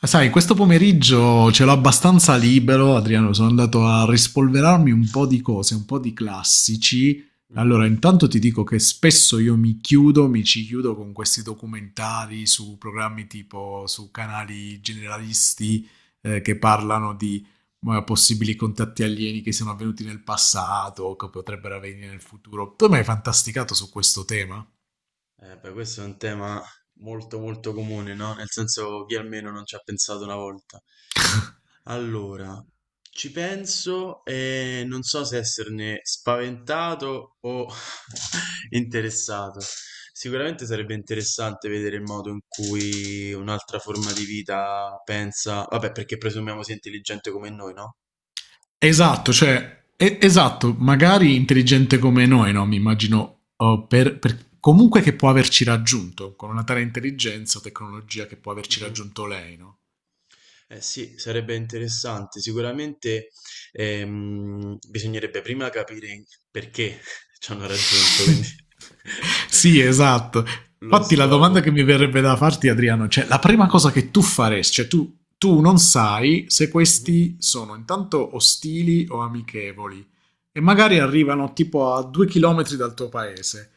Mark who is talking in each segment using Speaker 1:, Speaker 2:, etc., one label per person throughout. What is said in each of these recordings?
Speaker 1: Ah, sai, questo pomeriggio ce l'ho abbastanza libero, Adriano, sono andato a rispolverarmi un po' di cose, un po' di classici.
Speaker 2: Mhm.
Speaker 1: Allora, intanto ti dico che spesso io mi ci chiudo con questi documentari su programmi tipo su canali generalisti che parlano di possibili contatti alieni che siano avvenuti nel passato o che potrebbero avvenire nel futuro. Tu mi hai fantasticato su questo tema?
Speaker 2: Beh, questo è un tema molto molto comune, no? Nel senso chi almeno non ci ha pensato una volta. Allora, ci penso e non so se esserne spaventato o interessato. Sicuramente sarebbe interessante vedere il modo in cui un'altra forma di vita pensa, vabbè, perché presumiamo sia intelligente come noi, no?
Speaker 1: Esatto, cioè, esatto, magari intelligente come noi, no? Mi immagino, oh, comunque che può averci raggiunto, con una tale intelligenza o tecnologia che può averci
Speaker 2: Mhm.
Speaker 1: raggiunto lei, no?
Speaker 2: Eh sì, sarebbe interessante. Sicuramente bisognerebbe prima capire perché ci hanno raggiunto, quindi
Speaker 1: Sì, esatto.
Speaker 2: lo
Speaker 1: Infatti la domanda
Speaker 2: scopo.
Speaker 1: che mi verrebbe da farti, Adriano, cioè la prima cosa
Speaker 2: Mm,
Speaker 1: che tu faresti, cioè tu non sai se
Speaker 2: mhm.
Speaker 1: questi sono intanto ostili o amichevoli e magari arrivano tipo a 2 km dal tuo paese.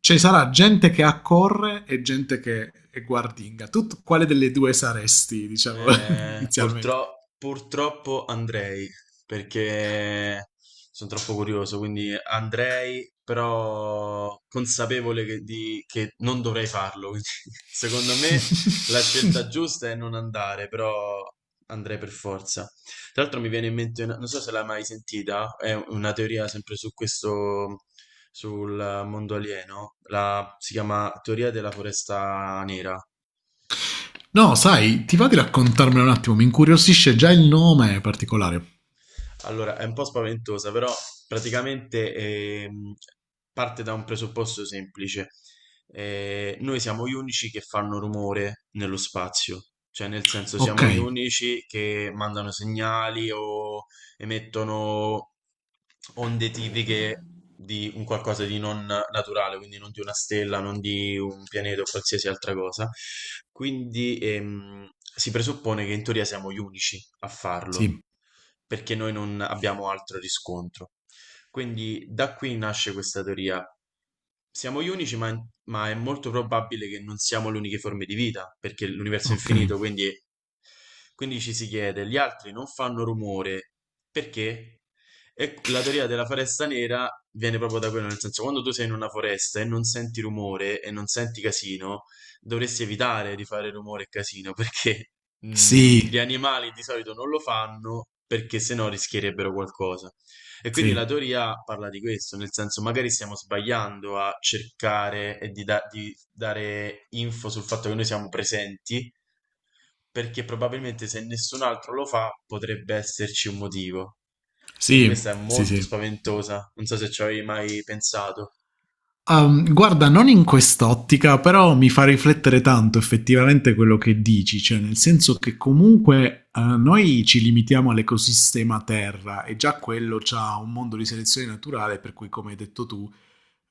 Speaker 1: Ci sarà gente che accorre e gente che è guardinga. Tu quale delle due saresti, diciamo, inizialmente?
Speaker 2: Purtroppo andrei, perché sono troppo curioso, quindi andrei, però consapevole che, che non dovrei farlo. Quindi, secondo me la scelta giusta è non andare, però andrei per forza. Tra l'altro mi viene in mente, non so se l'hai mai sentita, è una teoria sempre su questo, sul mondo alieno, la, si chiama teoria della foresta nera.
Speaker 1: No, sai, ti va di raccontarmelo un attimo, mi incuriosisce già il nome particolare.
Speaker 2: Allora, è un po' spaventosa, però praticamente parte da un presupposto semplice. Noi siamo gli unici che fanno rumore nello spazio, cioè nel senso
Speaker 1: Ok,
Speaker 2: siamo gli unici che mandano segnali o emettono onde tipiche di un qualcosa di non naturale, quindi non di una stella, non di un pianeta o qualsiasi altra cosa. Quindi si presuppone che in teoria siamo gli unici a farlo,
Speaker 1: sì,
Speaker 2: perché noi non abbiamo altro riscontro. Quindi da qui nasce questa teoria. Siamo gli unici, ma è molto probabile che non siamo le uniche forme di vita, perché l'universo è
Speaker 1: ok.
Speaker 2: infinito, quindi ci si chiede, gli altri non fanno rumore, perché? E la teoria della foresta nera viene proprio da quello, nel senso, quando tu sei in una foresta e non senti rumore e non senti casino, dovresti evitare di fare rumore e casino, perché gli
Speaker 1: Sì,
Speaker 2: animali di solito non lo fanno, perché sennò rischierebbero qualcosa. E quindi la
Speaker 1: sì,
Speaker 2: teoria parla di questo, nel senso magari stiamo sbagliando a cercare e di dare info sul fatto che noi siamo presenti, perché probabilmente se nessun altro lo fa potrebbe esserci un motivo. Quindi
Speaker 1: sì,
Speaker 2: questa è
Speaker 1: sì,
Speaker 2: molto
Speaker 1: sì.
Speaker 2: spaventosa, non so se ci avevi mai pensato.
Speaker 1: Guarda, non in quest'ottica, però mi fa riflettere tanto effettivamente quello che dici, cioè nel senso che comunque noi ci limitiamo all'ecosistema Terra e già quello ha un mondo di selezione naturale, per cui come hai detto tu,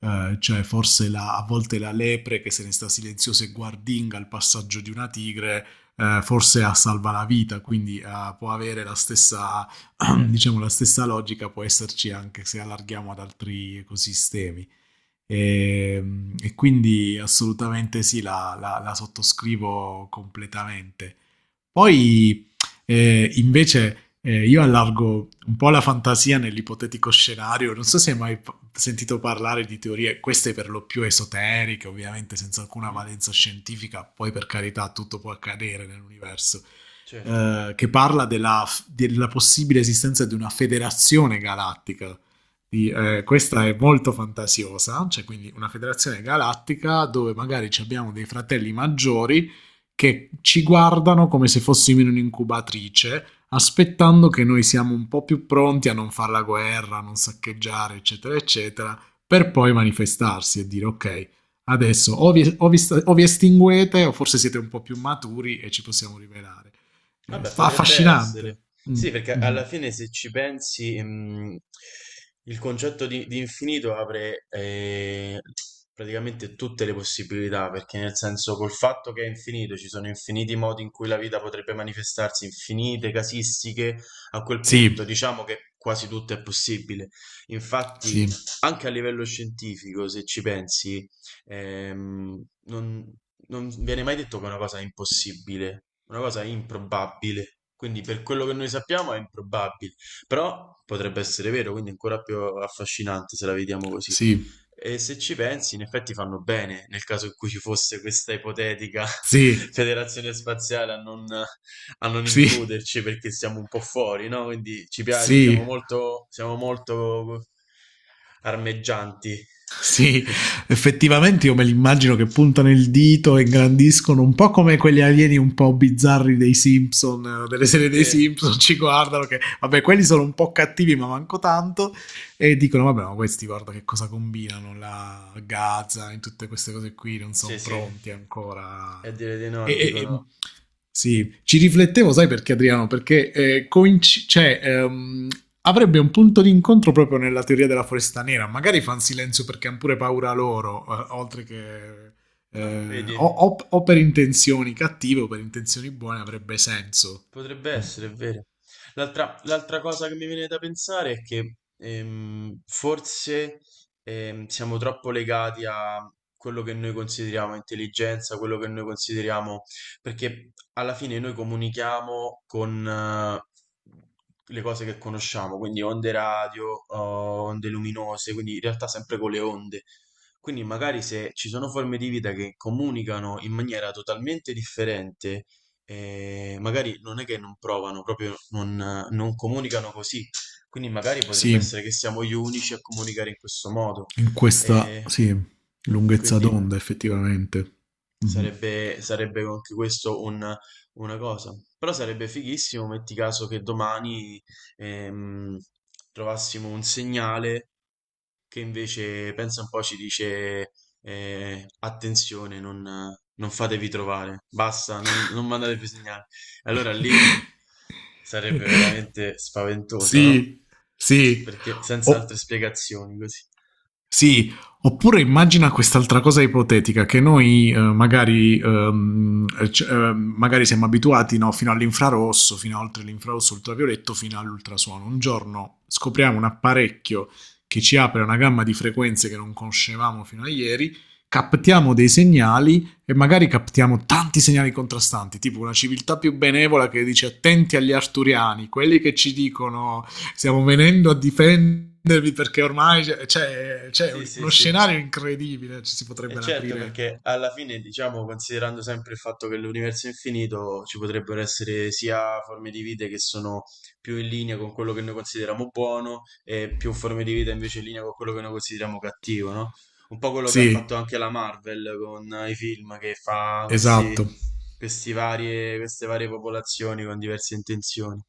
Speaker 1: cioè forse a volte la lepre che se ne sta silenziosa e guardinga al passaggio di una tigre, forse a salva la vita, quindi può avere la stessa,
Speaker 2: Certo,
Speaker 1: diciamo, la stessa logica, può esserci anche se allarghiamo ad altri ecosistemi. E, e quindi assolutamente sì, la sottoscrivo completamente. Poi invece io allargo un po' la fantasia nell'ipotetico scenario. Non so se hai mai sentito parlare di teorie, queste per lo più esoteriche, ovviamente senza alcuna
Speaker 2: mhm,
Speaker 1: valenza scientifica, poi per carità tutto può accadere nell'universo,
Speaker 2: certo.
Speaker 1: che parla della possibile esistenza di una federazione galattica.
Speaker 2: Mm.
Speaker 1: Questa è molto fantasiosa, cioè quindi una federazione galattica dove magari ci abbiamo dei fratelli maggiori che ci guardano come se fossimo in un'incubatrice, aspettando che noi siamo un po' più pronti a non fare la guerra, a non saccheggiare, eccetera, eccetera, per poi manifestarsi e dire ok, adesso
Speaker 2: Mm.
Speaker 1: o vi estinguete o forse siete un po' più maturi e ci possiamo rivelare.
Speaker 2: Vabbè, potrebbe essere.
Speaker 1: Affascinante. Mm,
Speaker 2: Sì, perché
Speaker 1: mm.
Speaker 2: alla fine se ci pensi, il concetto di infinito apre praticamente tutte le possibilità, perché nel senso col fatto che è infinito, ci sono infiniti modi in cui la vita potrebbe manifestarsi, infinite casistiche, a quel punto
Speaker 1: Sì,
Speaker 2: diciamo che quasi tutto è possibile. Infatti,
Speaker 1: sì,
Speaker 2: anche a livello scientifico, se ci pensi, ehm, non non viene mai detto che è una cosa è impossibile. Una cosa improbabile. Quindi per quello che noi sappiamo è improbabile, però potrebbe essere vero, quindi è ancora più affascinante se la vediamo così.
Speaker 1: sì,
Speaker 2: E se ci pensi, in effetti fanno bene nel caso in cui ci fosse questa ipotetica
Speaker 1: sì.
Speaker 2: federazione spaziale a non
Speaker 1: Sì,
Speaker 2: includerci perché siamo un po' fuori, no? Quindi ci piace,
Speaker 1: sì,
Speaker 2: siamo molto armeggianti.
Speaker 1: sì, effettivamente io me li immagino che puntano il dito e ingrandiscono un po' come quegli alieni un po' bizzarri dei Simpson, delle serie dei
Speaker 2: Sì,
Speaker 1: Simpson, ci guardano che vabbè quelli sono un po' cattivi ma manco tanto e dicono vabbè ma questi guarda che cosa combinano, la Gaza e tutte queste cose qui non
Speaker 2: sì,
Speaker 1: sono
Speaker 2: sì.
Speaker 1: pronti
Speaker 2: E a
Speaker 1: ancora.
Speaker 2: dire di
Speaker 1: E,
Speaker 2: no,
Speaker 1: e- e-
Speaker 2: dicono.
Speaker 1: sì, ci riflettevo, sai perché Adriano? Perché cioè, avrebbe un punto di incontro proprio nella teoria della foresta nera. Magari fanno silenzio perché hanno pure paura loro, oltre che...
Speaker 2: Ah, vedi,
Speaker 1: o per intenzioni cattive o per intenzioni buone avrebbe senso.
Speaker 2: potrebbe
Speaker 1: Mm.
Speaker 2: essere, è vero. L'altra cosa che mi viene da pensare è che forse siamo troppo legati a quello che noi consideriamo intelligenza, quello che noi consideriamo, perché alla fine noi comunichiamo con le cose che conosciamo, quindi onde radio, oh, onde luminose, quindi in realtà sempre con le onde. Quindi magari se ci sono forme di vita che comunicano in maniera totalmente differente, e magari non è che non provano, proprio non, non comunicano così. Quindi magari potrebbe
Speaker 1: Sì,
Speaker 2: essere che siamo gli unici a comunicare in questo modo.
Speaker 1: in questa
Speaker 2: E,
Speaker 1: sì, lunghezza
Speaker 2: quindi
Speaker 1: d'onda effettivamente. Mhm.
Speaker 2: sarebbe anche questo una cosa. Però sarebbe fighissimo, metti caso che domani ehm, trovassimo un segnale che invece pensa un po' ci dice eh, attenzione, non fatevi trovare, basta, non mandatevi segnali. Allora lì sarebbe veramente spaventoso, no?
Speaker 1: Sì, sì.
Speaker 2: Perché senza altre
Speaker 1: O-
Speaker 2: spiegazioni così.
Speaker 1: sì, oppure immagina quest'altra cosa ipotetica che noi magari siamo abituati no, fino all'infrarosso, fino a oltre l'infrarosso ultravioletto, fino all'ultrasuono. Un giorno scopriamo un apparecchio che ci apre una gamma di frequenze che non conoscevamo fino a ieri, captiamo dei segnali e magari captiamo tanti segnali contrastanti, tipo una civiltà più benevola che dice attenti agli arturiani, quelli che ci dicono stiamo venendo a difendervi perché ormai c'è
Speaker 2: Sì, sì,
Speaker 1: uno
Speaker 2: sì.
Speaker 1: scenario incredibile, ci si
Speaker 2: E
Speaker 1: potrebbero
Speaker 2: certo,
Speaker 1: aprire.
Speaker 2: perché alla fine, diciamo, considerando sempre il fatto che l'universo è infinito, ci potrebbero essere sia forme di vita che sono più in linea con quello che noi consideriamo buono e più forme di vita invece in linea con quello che noi consideriamo cattivo, no? Un po' quello che ha
Speaker 1: Sì,
Speaker 2: fatto anche la Marvel con i film che fa questi,
Speaker 1: esatto,
Speaker 2: queste varie popolazioni con diverse intenzioni.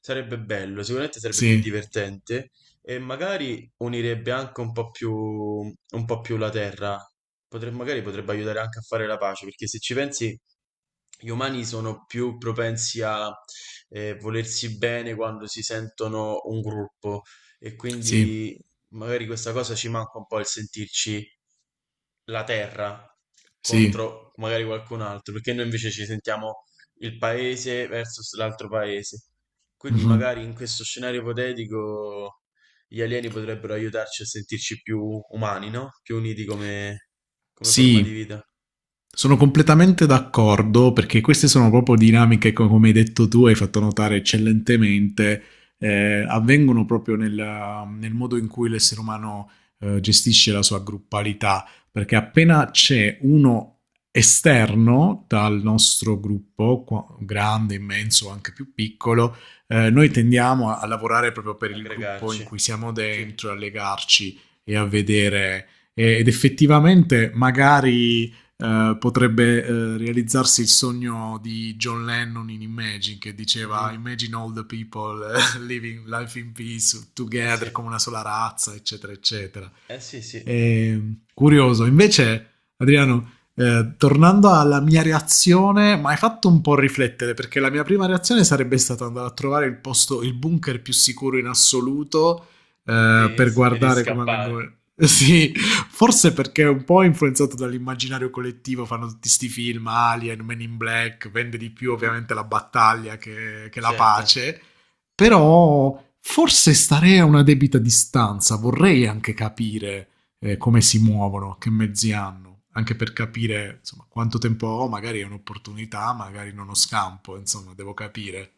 Speaker 2: Sarebbe bello, sicuramente sarebbe più
Speaker 1: sì,
Speaker 2: divertente. E magari unirebbe anche un po' più la terra. Magari potrebbe aiutare anche a fare la pace, perché se ci pensi, gli umani sono più propensi a volersi bene quando si sentono un gruppo e
Speaker 1: sì,
Speaker 2: quindi magari questa cosa ci manca un po' il sentirci la terra
Speaker 1: sì.
Speaker 2: contro magari qualcun altro, perché noi invece ci sentiamo il paese versus l'altro paese. Quindi
Speaker 1: Mm-hmm.
Speaker 2: magari in questo scenario ipotetico gli alieni potrebbero aiutarci a sentirci più umani, no? Più uniti come forma di
Speaker 1: Sì,
Speaker 2: vita,
Speaker 1: sono completamente d'accordo perché queste sono proprio dinamiche, come hai detto tu, hai fatto notare eccellentemente, avvengono proprio nel modo in cui l'essere umano gestisce la sua gruppalità, perché appena c'è uno esterno dal nostro gruppo, grande, immenso o anche più piccolo, noi tendiamo a lavorare proprio per il gruppo in
Speaker 2: aggregarci.
Speaker 1: cui siamo
Speaker 2: Sì.
Speaker 1: dentro, a legarci e a vedere ed effettivamente magari potrebbe realizzarsi il sogno di John Lennon in Imagine che diceva
Speaker 2: Mhm.
Speaker 1: Imagine all the people living life in peace
Speaker 2: Eh sì.
Speaker 1: together come una sola razza eccetera eccetera
Speaker 2: Eh sì, sì.
Speaker 1: e, curioso invece Adriano tornando alla mia reazione, mi hai fatto un po' riflettere perché la mia prima reazione sarebbe stata andare a trovare il posto, il bunker più sicuro in assoluto
Speaker 2: Sì,
Speaker 1: per
Speaker 2: sì, quindi
Speaker 1: guardare come
Speaker 2: scappare.
Speaker 1: vengono. Sì, forse perché è un po' influenzato dall'immaginario collettivo, fanno tutti questi film, Alien, Men in Black, vende di
Speaker 2: Mm,
Speaker 1: più
Speaker 2: mm.
Speaker 1: ovviamente la battaglia che la
Speaker 2: Certo.
Speaker 1: pace, però forse starei a una debita distanza, vorrei anche capire come si muovono, che mezzi hanno, anche per
Speaker 2: Mm, mm.
Speaker 1: capire insomma, quanto tempo ho, magari è un'opportunità, magari non ho scampo, insomma, devo capire.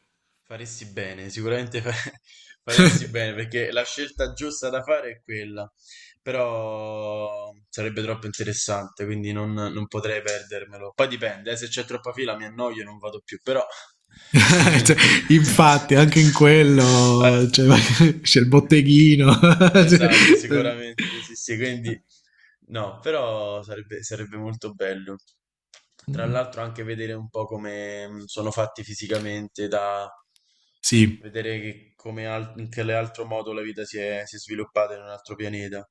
Speaker 2: Faresti bene, sicuramente faresti bene perché la scelta giusta da fare è quella, però sarebbe troppo interessante, quindi non potrei perdermelo. Poi dipende, se c'è troppa fila mi annoio e non vado più, però...
Speaker 1: Cioè, infatti, anche in
Speaker 2: Eh.
Speaker 1: quello cioè, c'è il botteghino. Cioè,
Speaker 2: Esatto,
Speaker 1: eh,
Speaker 2: sicuramente, sì, sì, quindi no, però sarebbe molto bello. Tra l'altro anche vedere un po' come sono fatti fisicamente, da
Speaker 1: sì,
Speaker 2: vedere che in che altro modo la vita si è sviluppata in un altro pianeta.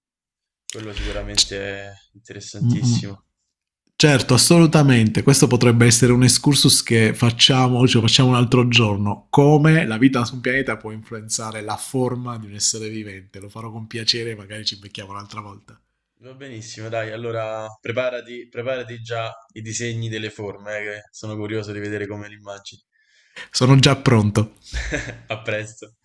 Speaker 2: Quello sicuramente
Speaker 1: C-
Speaker 2: è
Speaker 1: mm, mm.
Speaker 2: interessantissimo.
Speaker 1: Certo, assolutamente. Questo potrebbe essere un excursus che facciamo, ce lo facciamo un altro giorno. Come la vita su un pianeta può influenzare la forma di un essere vivente. Lo farò con piacere, magari ci becchiamo un'altra volta.
Speaker 2: Va benissimo, dai, allora preparati già i disegni delle forme, che sono curioso di vedere come le immagini.
Speaker 1: Sono
Speaker 2: Dai.
Speaker 1: già pronto.
Speaker 2: A presto.